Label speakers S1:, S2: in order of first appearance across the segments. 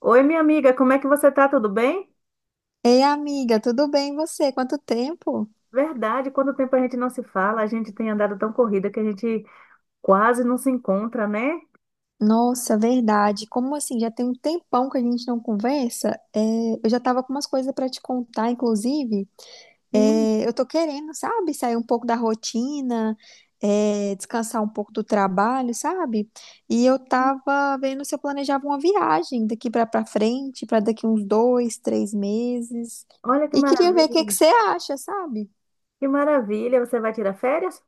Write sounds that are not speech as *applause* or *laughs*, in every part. S1: Oi, minha amiga, como é que você tá? Tudo bem?
S2: Ei, amiga, tudo bem e você? Quanto tempo?
S1: Verdade, quanto tempo a gente não se fala, a gente tem andado tão corrida que a gente quase não se encontra, né?
S2: Nossa, verdade. Como assim? Já tem um tempão que a gente não conversa. Eu já tava com umas coisas pra te contar, inclusive.
S1: Sim.
S2: Eu tô querendo, sabe, sair um pouco da rotina, descansar um pouco do trabalho, sabe? E eu tava vendo se eu planejava uma viagem daqui pra, pra frente, pra daqui uns dois, três meses.
S1: Olha que
S2: E queria ver o que que
S1: maravilha.
S2: você acha, sabe?
S1: Que maravilha, você vai tirar férias?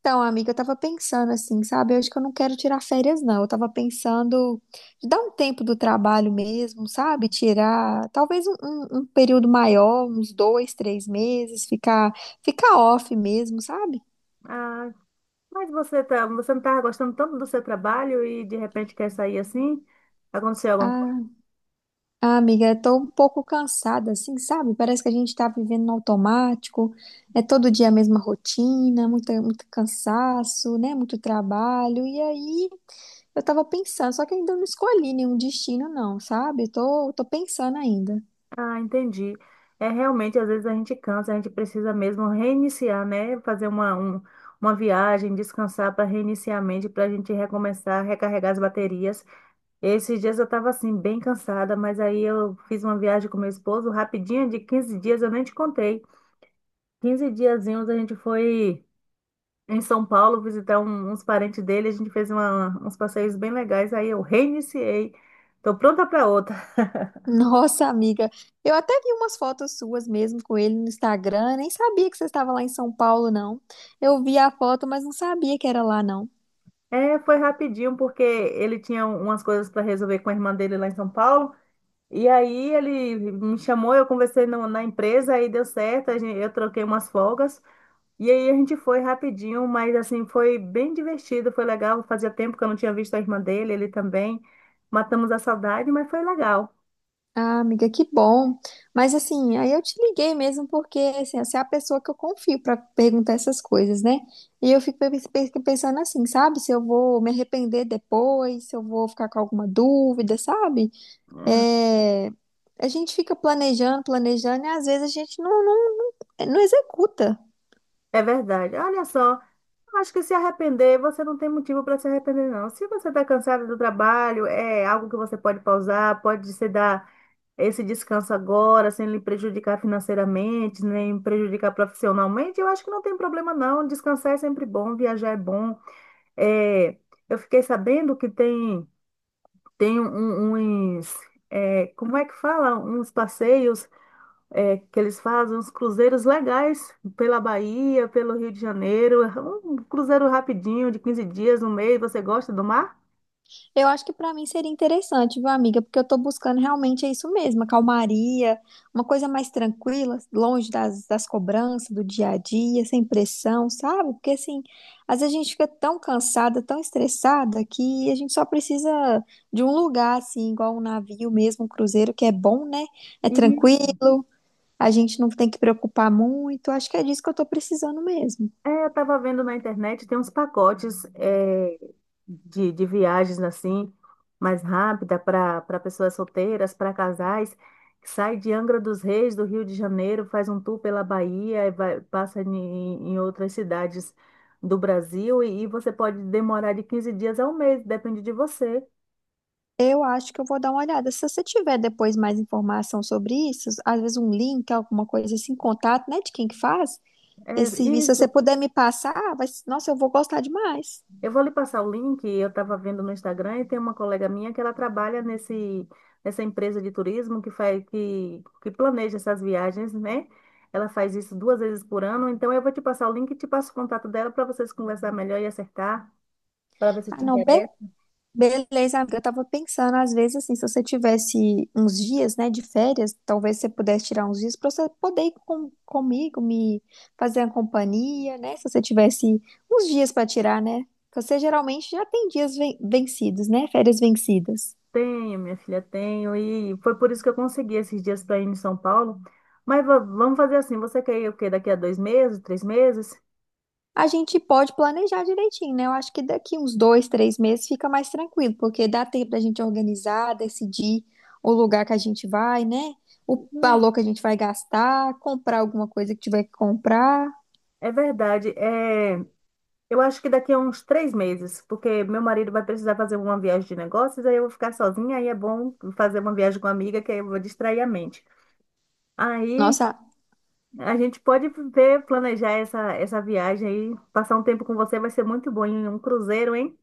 S2: Então, amiga, eu tava pensando assim, sabe? Eu acho que eu não quero tirar férias, não. Eu tava pensando de dar um tempo do trabalho mesmo, sabe? Tirar talvez um período maior, uns dois, três meses, ficar off mesmo, sabe?
S1: Ah, mas você não tá gostando tanto do seu trabalho e de repente quer sair assim? Aconteceu alguma coisa?
S2: Ah, ah, amiga, eu tô um pouco cansada, assim, sabe? Parece que a gente tá vivendo no automático, é todo dia a mesma rotina, muito cansaço, né? Muito trabalho, e aí. Eu tava pensando, só que ainda não escolhi nenhum destino, não, sabe? Tô pensando ainda.
S1: Ah, entendi. É realmente, às vezes a gente cansa, a gente precisa mesmo reiniciar, né? Fazer uma viagem, descansar para reiniciar a mente, para a gente recomeçar, recarregar as baterias. Esses dias eu estava assim, bem cansada, mas aí eu fiz uma viagem com meu esposo rapidinha, de 15 dias, eu nem te contei. 15 diazinhos a gente foi em São Paulo visitar uns parentes dele, a gente fez uns passeios bem legais, aí eu reiniciei. Tô pronta para outra.
S2: *laughs* Nossa, amiga, eu até vi umas fotos suas mesmo com ele no Instagram, nem sabia que você estava lá em São Paulo, não. Eu vi a foto, mas não sabia que era lá, não.
S1: É, foi rapidinho, porque ele tinha umas coisas para resolver com a irmã dele lá em São Paulo. E aí ele me chamou, eu conversei na empresa, aí deu certo, eu troquei umas folgas. E aí a gente foi rapidinho, mas assim, foi bem divertido, foi legal. Fazia tempo que eu não tinha visto a irmã dele, ele também. Matamos a saudade, mas foi legal.
S2: Ah, amiga, que bom. Mas assim, aí eu te liguei mesmo porque assim, você é a pessoa que eu confio pra perguntar essas coisas, né? E eu fico pensando assim, sabe? Se eu vou me arrepender depois, se eu vou ficar com alguma dúvida, sabe?
S1: Hum.
S2: É, a gente fica planejando, e às vezes a gente não executa.
S1: É verdade. Olha só, eu acho que se arrepender, você não tem motivo para se arrepender, não. Se você está cansado do trabalho, é algo que você pode pausar, pode se dar esse descanso agora, sem lhe prejudicar financeiramente, nem prejudicar profissionalmente. Eu acho que não tem problema, não. Descansar é sempre bom, viajar é bom. É, eu fiquei sabendo que tem. Tem uns, é, como é que fala? Uns passeios, é, que eles fazem, uns cruzeiros legais pela Bahia, pelo Rio de Janeiro. É um cruzeiro rapidinho, de 15 dias, um mês. Você gosta do mar?
S2: Eu acho que para mim seria interessante, viu, amiga? Porque eu tô buscando realmente é isso mesmo, a calmaria, uma coisa mais tranquila, longe das cobranças do dia a dia, sem pressão, sabe? Porque assim, às vezes a gente fica tão cansada, tão estressada, que a gente só precisa de um lugar, assim, igual um navio mesmo, um cruzeiro, que é bom, né? É
S1: Isso.
S2: tranquilo. A gente não tem que preocupar muito. Acho que é disso que eu estou precisando mesmo.
S1: É, eu estava vendo na internet, tem uns pacotes de viagens assim mais rápida para pessoas solteiras, para casais, que sai de Angra dos Reis, do Rio de Janeiro, faz um tour pela Bahia, e vai, passa em outras cidades do Brasil e você pode demorar de 15 dias a um mês, depende de você.
S2: Eu acho que eu vou dar uma olhada. Se você tiver depois mais informação sobre isso, às vezes um link, alguma coisa assim, contato, né, de quem que faz
S1: É
S2: esse serviço, se você
S1: isso.
S2: puder me passar, vai, nossa, eu vou gostar demais.
S1: Eu vou lhe passar o link, eu estava vendo no Instagram e tem uma colega minha que ela trabalha nessa empresa de turismo que planeja essas viagens, né? Ela faz isso 2 vezes por ano, então eu vou te passar o link e te passo o contato dela para vocês conversar melhor e acertar, para ver se
S2: Ah,
S1: te
S2: não,
S1: interessa.
S2: Beleza, amiga. Eu tava pensando, às vezes, assim, se você tivesse uns dias, né, de férias, talvez você pudesse tirar uns dias pra você poder ir comigo, me fazer a companhia, né? Se você tivesse uns dias pra tirar, né? Porque você geralmente já tem dias vencidos, né? Férias vencidas.
S1: Tenho, minha filha, tenho, e foi por isso que eu consegui esses dias para ir em São Paulo. Mas vamos fazer assim, você quer ir o quê? Daqui a 2 meses, 3 meses?
S2: A gente pode planejar direitinho, né? Eu acho que daqui uns dois, três meses fica mais tranquilo, porque dá tempo da gente organizar, decidir o lugar que a gente vai, né? O
S1: Hum.
S2: valor que a gente vai gastar, comprar alguma coisa que tiver que comprar.
S1: É verdade. Eu acho que daqui a uns 3 meses, porque meu marido vai precisar fazer uma viagem de negócios, aí eu vou ficar sozinha, aí é bom fazer uma viagem com uma amiga, que aí eu vou distrair a mente. Aí
S2: Nossa,
S1: a gente pode ver, planejar essa viagem aí, passar um tempo com você vai ser muito bom em um cruzeiro, hein?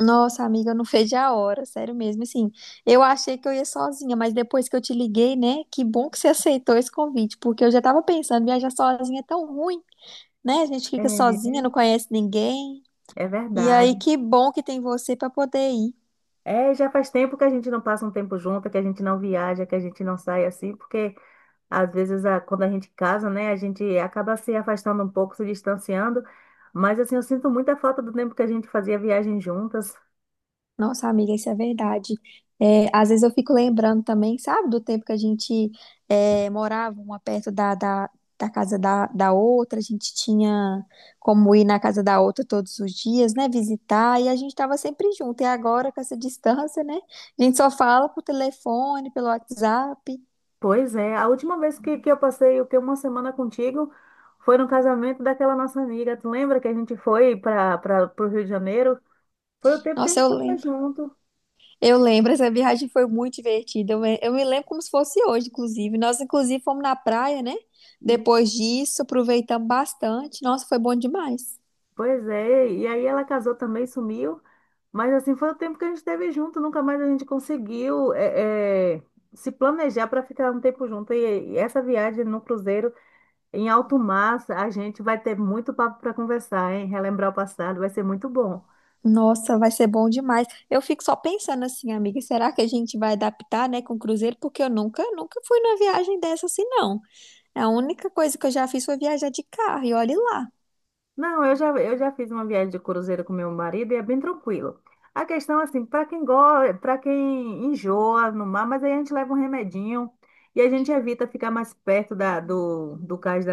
S2: nossa amiga, eu não fez a hora, sério mesmo. Assim, eu achei que eu ia sozinha, mas depois que eu te liguei, né? Que bom que você aceitou esse convite, porque eu já tava pensando, viajar sozinha é tão ruim, né? A gente fica sozinha, não
S1: É,
S2: conhece ninguém.
S1: é
S2: E aí,
S1: verdade.
S2: que bom que tem você para poder ir.
S1: É, já faz tempo que a gente não passa um tempo junto, que a gente não viaja, que a gente não sai assim, porque às vezes, quando a gente casa, né, a gente acaba se afastando um pouco, se distanciando, mas assim, eu sinto muita falta do tempo que a gente fazia viagem juntas.
S2: Nossa, amiga, isso é verdade. É, às vezes eu fico lembrando também, sabe, do tempo que a gente morava uma perto da casa da outra, a gente tinha como ir na casa da outra todos os dias, né, visitar, e a gente estava sempre junto. E agora, com essa distância, né, a gente só fala por telefone, pelo WhatsApp.
S1: Pois é, a última vez que eu passei o que uma semana contigo foi no casamento daquela nossa amiga. Tu lembra que a gente foi para o Rio de Janeiro? Foi o tempo que a
S2: Nossa,
S1: gente
S2: eu
S1: estava
S2: lembro.
S1: junto.
S2: Eu lembro, essa viagem foi muito divertida. Eu me lembro como se fosse hoje, inclusive. Nós, inclusive, fomos na praia, né?
S1: E,
S2: Depois disso, aproveitamos bastante. Nossa, foi bom demais.
S1: Pois é, e aí ela casou também, sumiu. Mas assim foi o tempo que a gente esteve junto, nunca mais a gente conseguiu se planejar para ficar um tempo junto. E essa viagem no cruzeiro em alto mar, a gente vai ter muito papo para conversar, hein? Relembrar o passado vai ser muito bom.
S2: Nossa, vai ser bom demais. Eu fico só pensando assim, amiga, será que a gente vai adaptar, né, com o cruzeiro? Porque eu nunca fui numa viagem dessa assim, não. A única coisa que eu já fiz foi viajar de carro, e olhe lá.
S1: Não, eu já fiz uma viagem de cruzeiro com meu marido e é bem tranquilo. A questão, assim, para quem gosta, para quem enjoa no mar, mas aí a gente leva um remedinho e a gente evita ficar mais perto do cais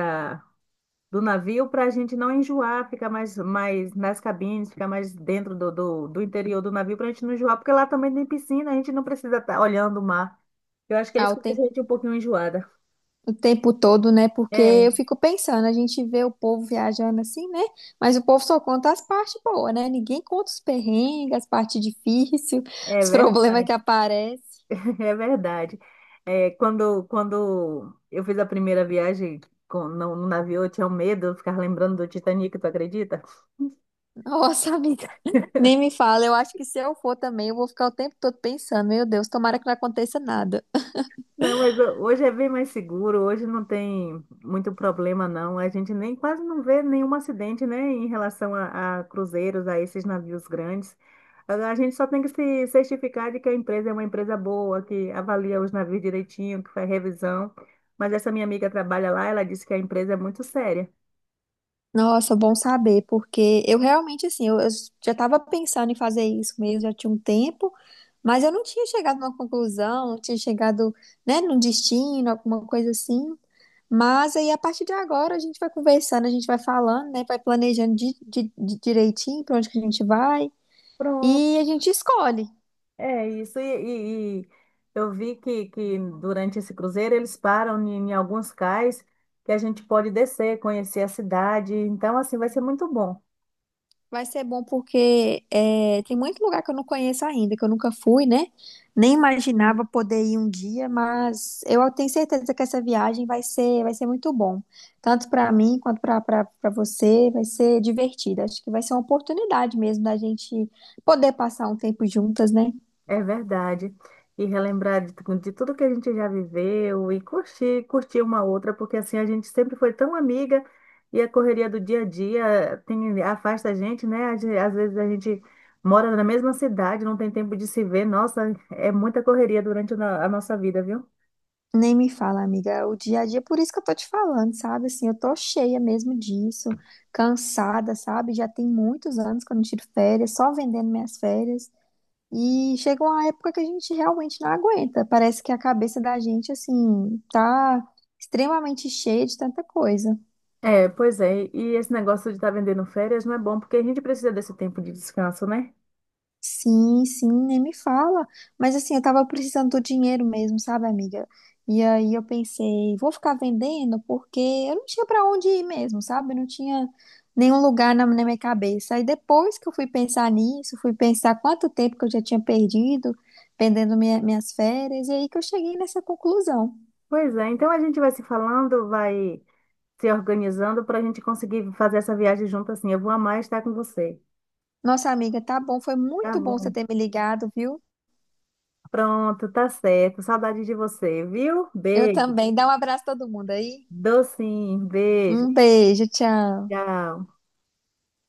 S1: do navio para a gente não enjoar, ficar mais nas cabines, ficar mais dentro do interior do navio para a gente não enjoar, porque lá também tem piscina, a gente não precisa estar olhando o mar. Eu acho que é
S2: Ah,
S1: isso
S2: o
S1: que deixa a
S2: tempo.
S1: gente um pouquinho enjoada.
S2: O tempo todo, né? Porque
S1: É,
S2: eu fico pensando, a gente vê o povo viajando assim, né? Mas o povo só conta as partes boas, né? Ninguém conta os perrengues, as partes difíceis,
S1: é
S2: *laughs* os problemas
S1: verdade,
S2: que aparecem.
S1: *laughs* é verdade. É, quando eu fiz a primeira viagem com, no, no navio, eu tinha um medo, eu ficava lembrando do Titanic, tu acredita?
S2: Nossa, amiga, *laughs* nem me fala. Eu acho que se eu for também, eu vou ficar o tempo todo pensando, meu Deus, tomara que não aconteça nada.
S1: Não, mas hoje é bem mais seguro, hoje não tem muito problema, não. A gente nem quase não vê nenhum acidente, né, em relação a cruzeiros, a esses navios grandes. A gente só tem que se certificar de que a empresa é uma empresa boa, que avalia os navios direitinho, que faz revisão. Mas essa minha amiga trabalha lá, ela disse que a empresa é muito séria.
S2: Nossa, bom saber, porque eu realmente, assim, eu já estava pensando em fazer isso mesmo, já tinha um tempo, mas eu não tinha chegado numa conclusão, não tinha chegado, né, num destino, alguma coisa assim. Mas aí, a partir de agora, a gente vai conversando, a gente vai falando, né? Vai planejando direitinho para onde que a gente vai.
S1: Pronto.
S2: E a gente escolhe.
S1: É isso, e eu vi que durante esse cruzeiro eles param em alguns cais que a gente pode descer, conhecer a cidade, então assim vai ser muito bom.
S2: Vai ser bom porque é, tem muito lugar que eu não conheço ainda, que eu nunca fui, né? Nem
S1: Sim.
S2: imaginava poder ir um dia, mas eu tenho certeza que essa viagem vai vai ser muito bom. Tanto para mim quanto para você, vai ser divertida. Acho que vai ser uma oportunidade mesmo da gente poder passar um tempo juntas, né?
S1: É verdade. E relembrar de tudo que a gente já viveu e curtir, curtir uma outra, porque assim a gente sempre foi tão amiga e a correria do dia a dia afasta a gente, né? Às vezes a gente mora na mesma cidade, não tem tempo de se ver. Nossa, é muita correria durante a no- a nossa vida, viu?
S2: Nem me fala, amiga, é o dia a dia, por isso que eu tô te falando, sabe? Assim, eu tô cheia mesmo disso, cansada, sabe? Já tem muitos anos que eu não tiro férias, só vendendo minhas férias. E chega uma época que a gente realmente não aguenta. Parece que a cabeça da gente, assim, tá extremamente cheia de tanta coisa.
S1: É, pois é. E esse negócio de estar vendendo férias não é bom, porque a gente precisa desse tempo de descanso, né?
S2: Sim, sim, nem me fala. Mas assim, eu tava precisando do dinheiro mesmo, sabe, amiga? E aí eu pensei, vou ficar vendendo porque eu não tinha pra onde ir mesmo, sabe? Eu não tinha nenhum lugar na minha cabeça. Aí depois que eu fui pensar nisso, fui pensar quanto tempo que eu já tinha perdido, vendendo minhas férias, e aí que eu cheguei nessa conclusão.
S1: Pois é. Então a gente vai se falando, vai se organizando para a gente conseguir fazer essa viagem junto assim. Eu vou amar estar com você.
S2: Nossa, amiga, tá bom, foi
S1: Tá
S2: muito bom você
S1: bom.
S2: ter me ligado, viu?
S1: Pronto, tá certo. Saudade de você, viu?
S2: Eu
S1: Beijo.
S2: também. Dá um abraço a todo mundo aí.
S1: Docinho, beijo.
S2: Um beijo, tchau.
S1: Tchau.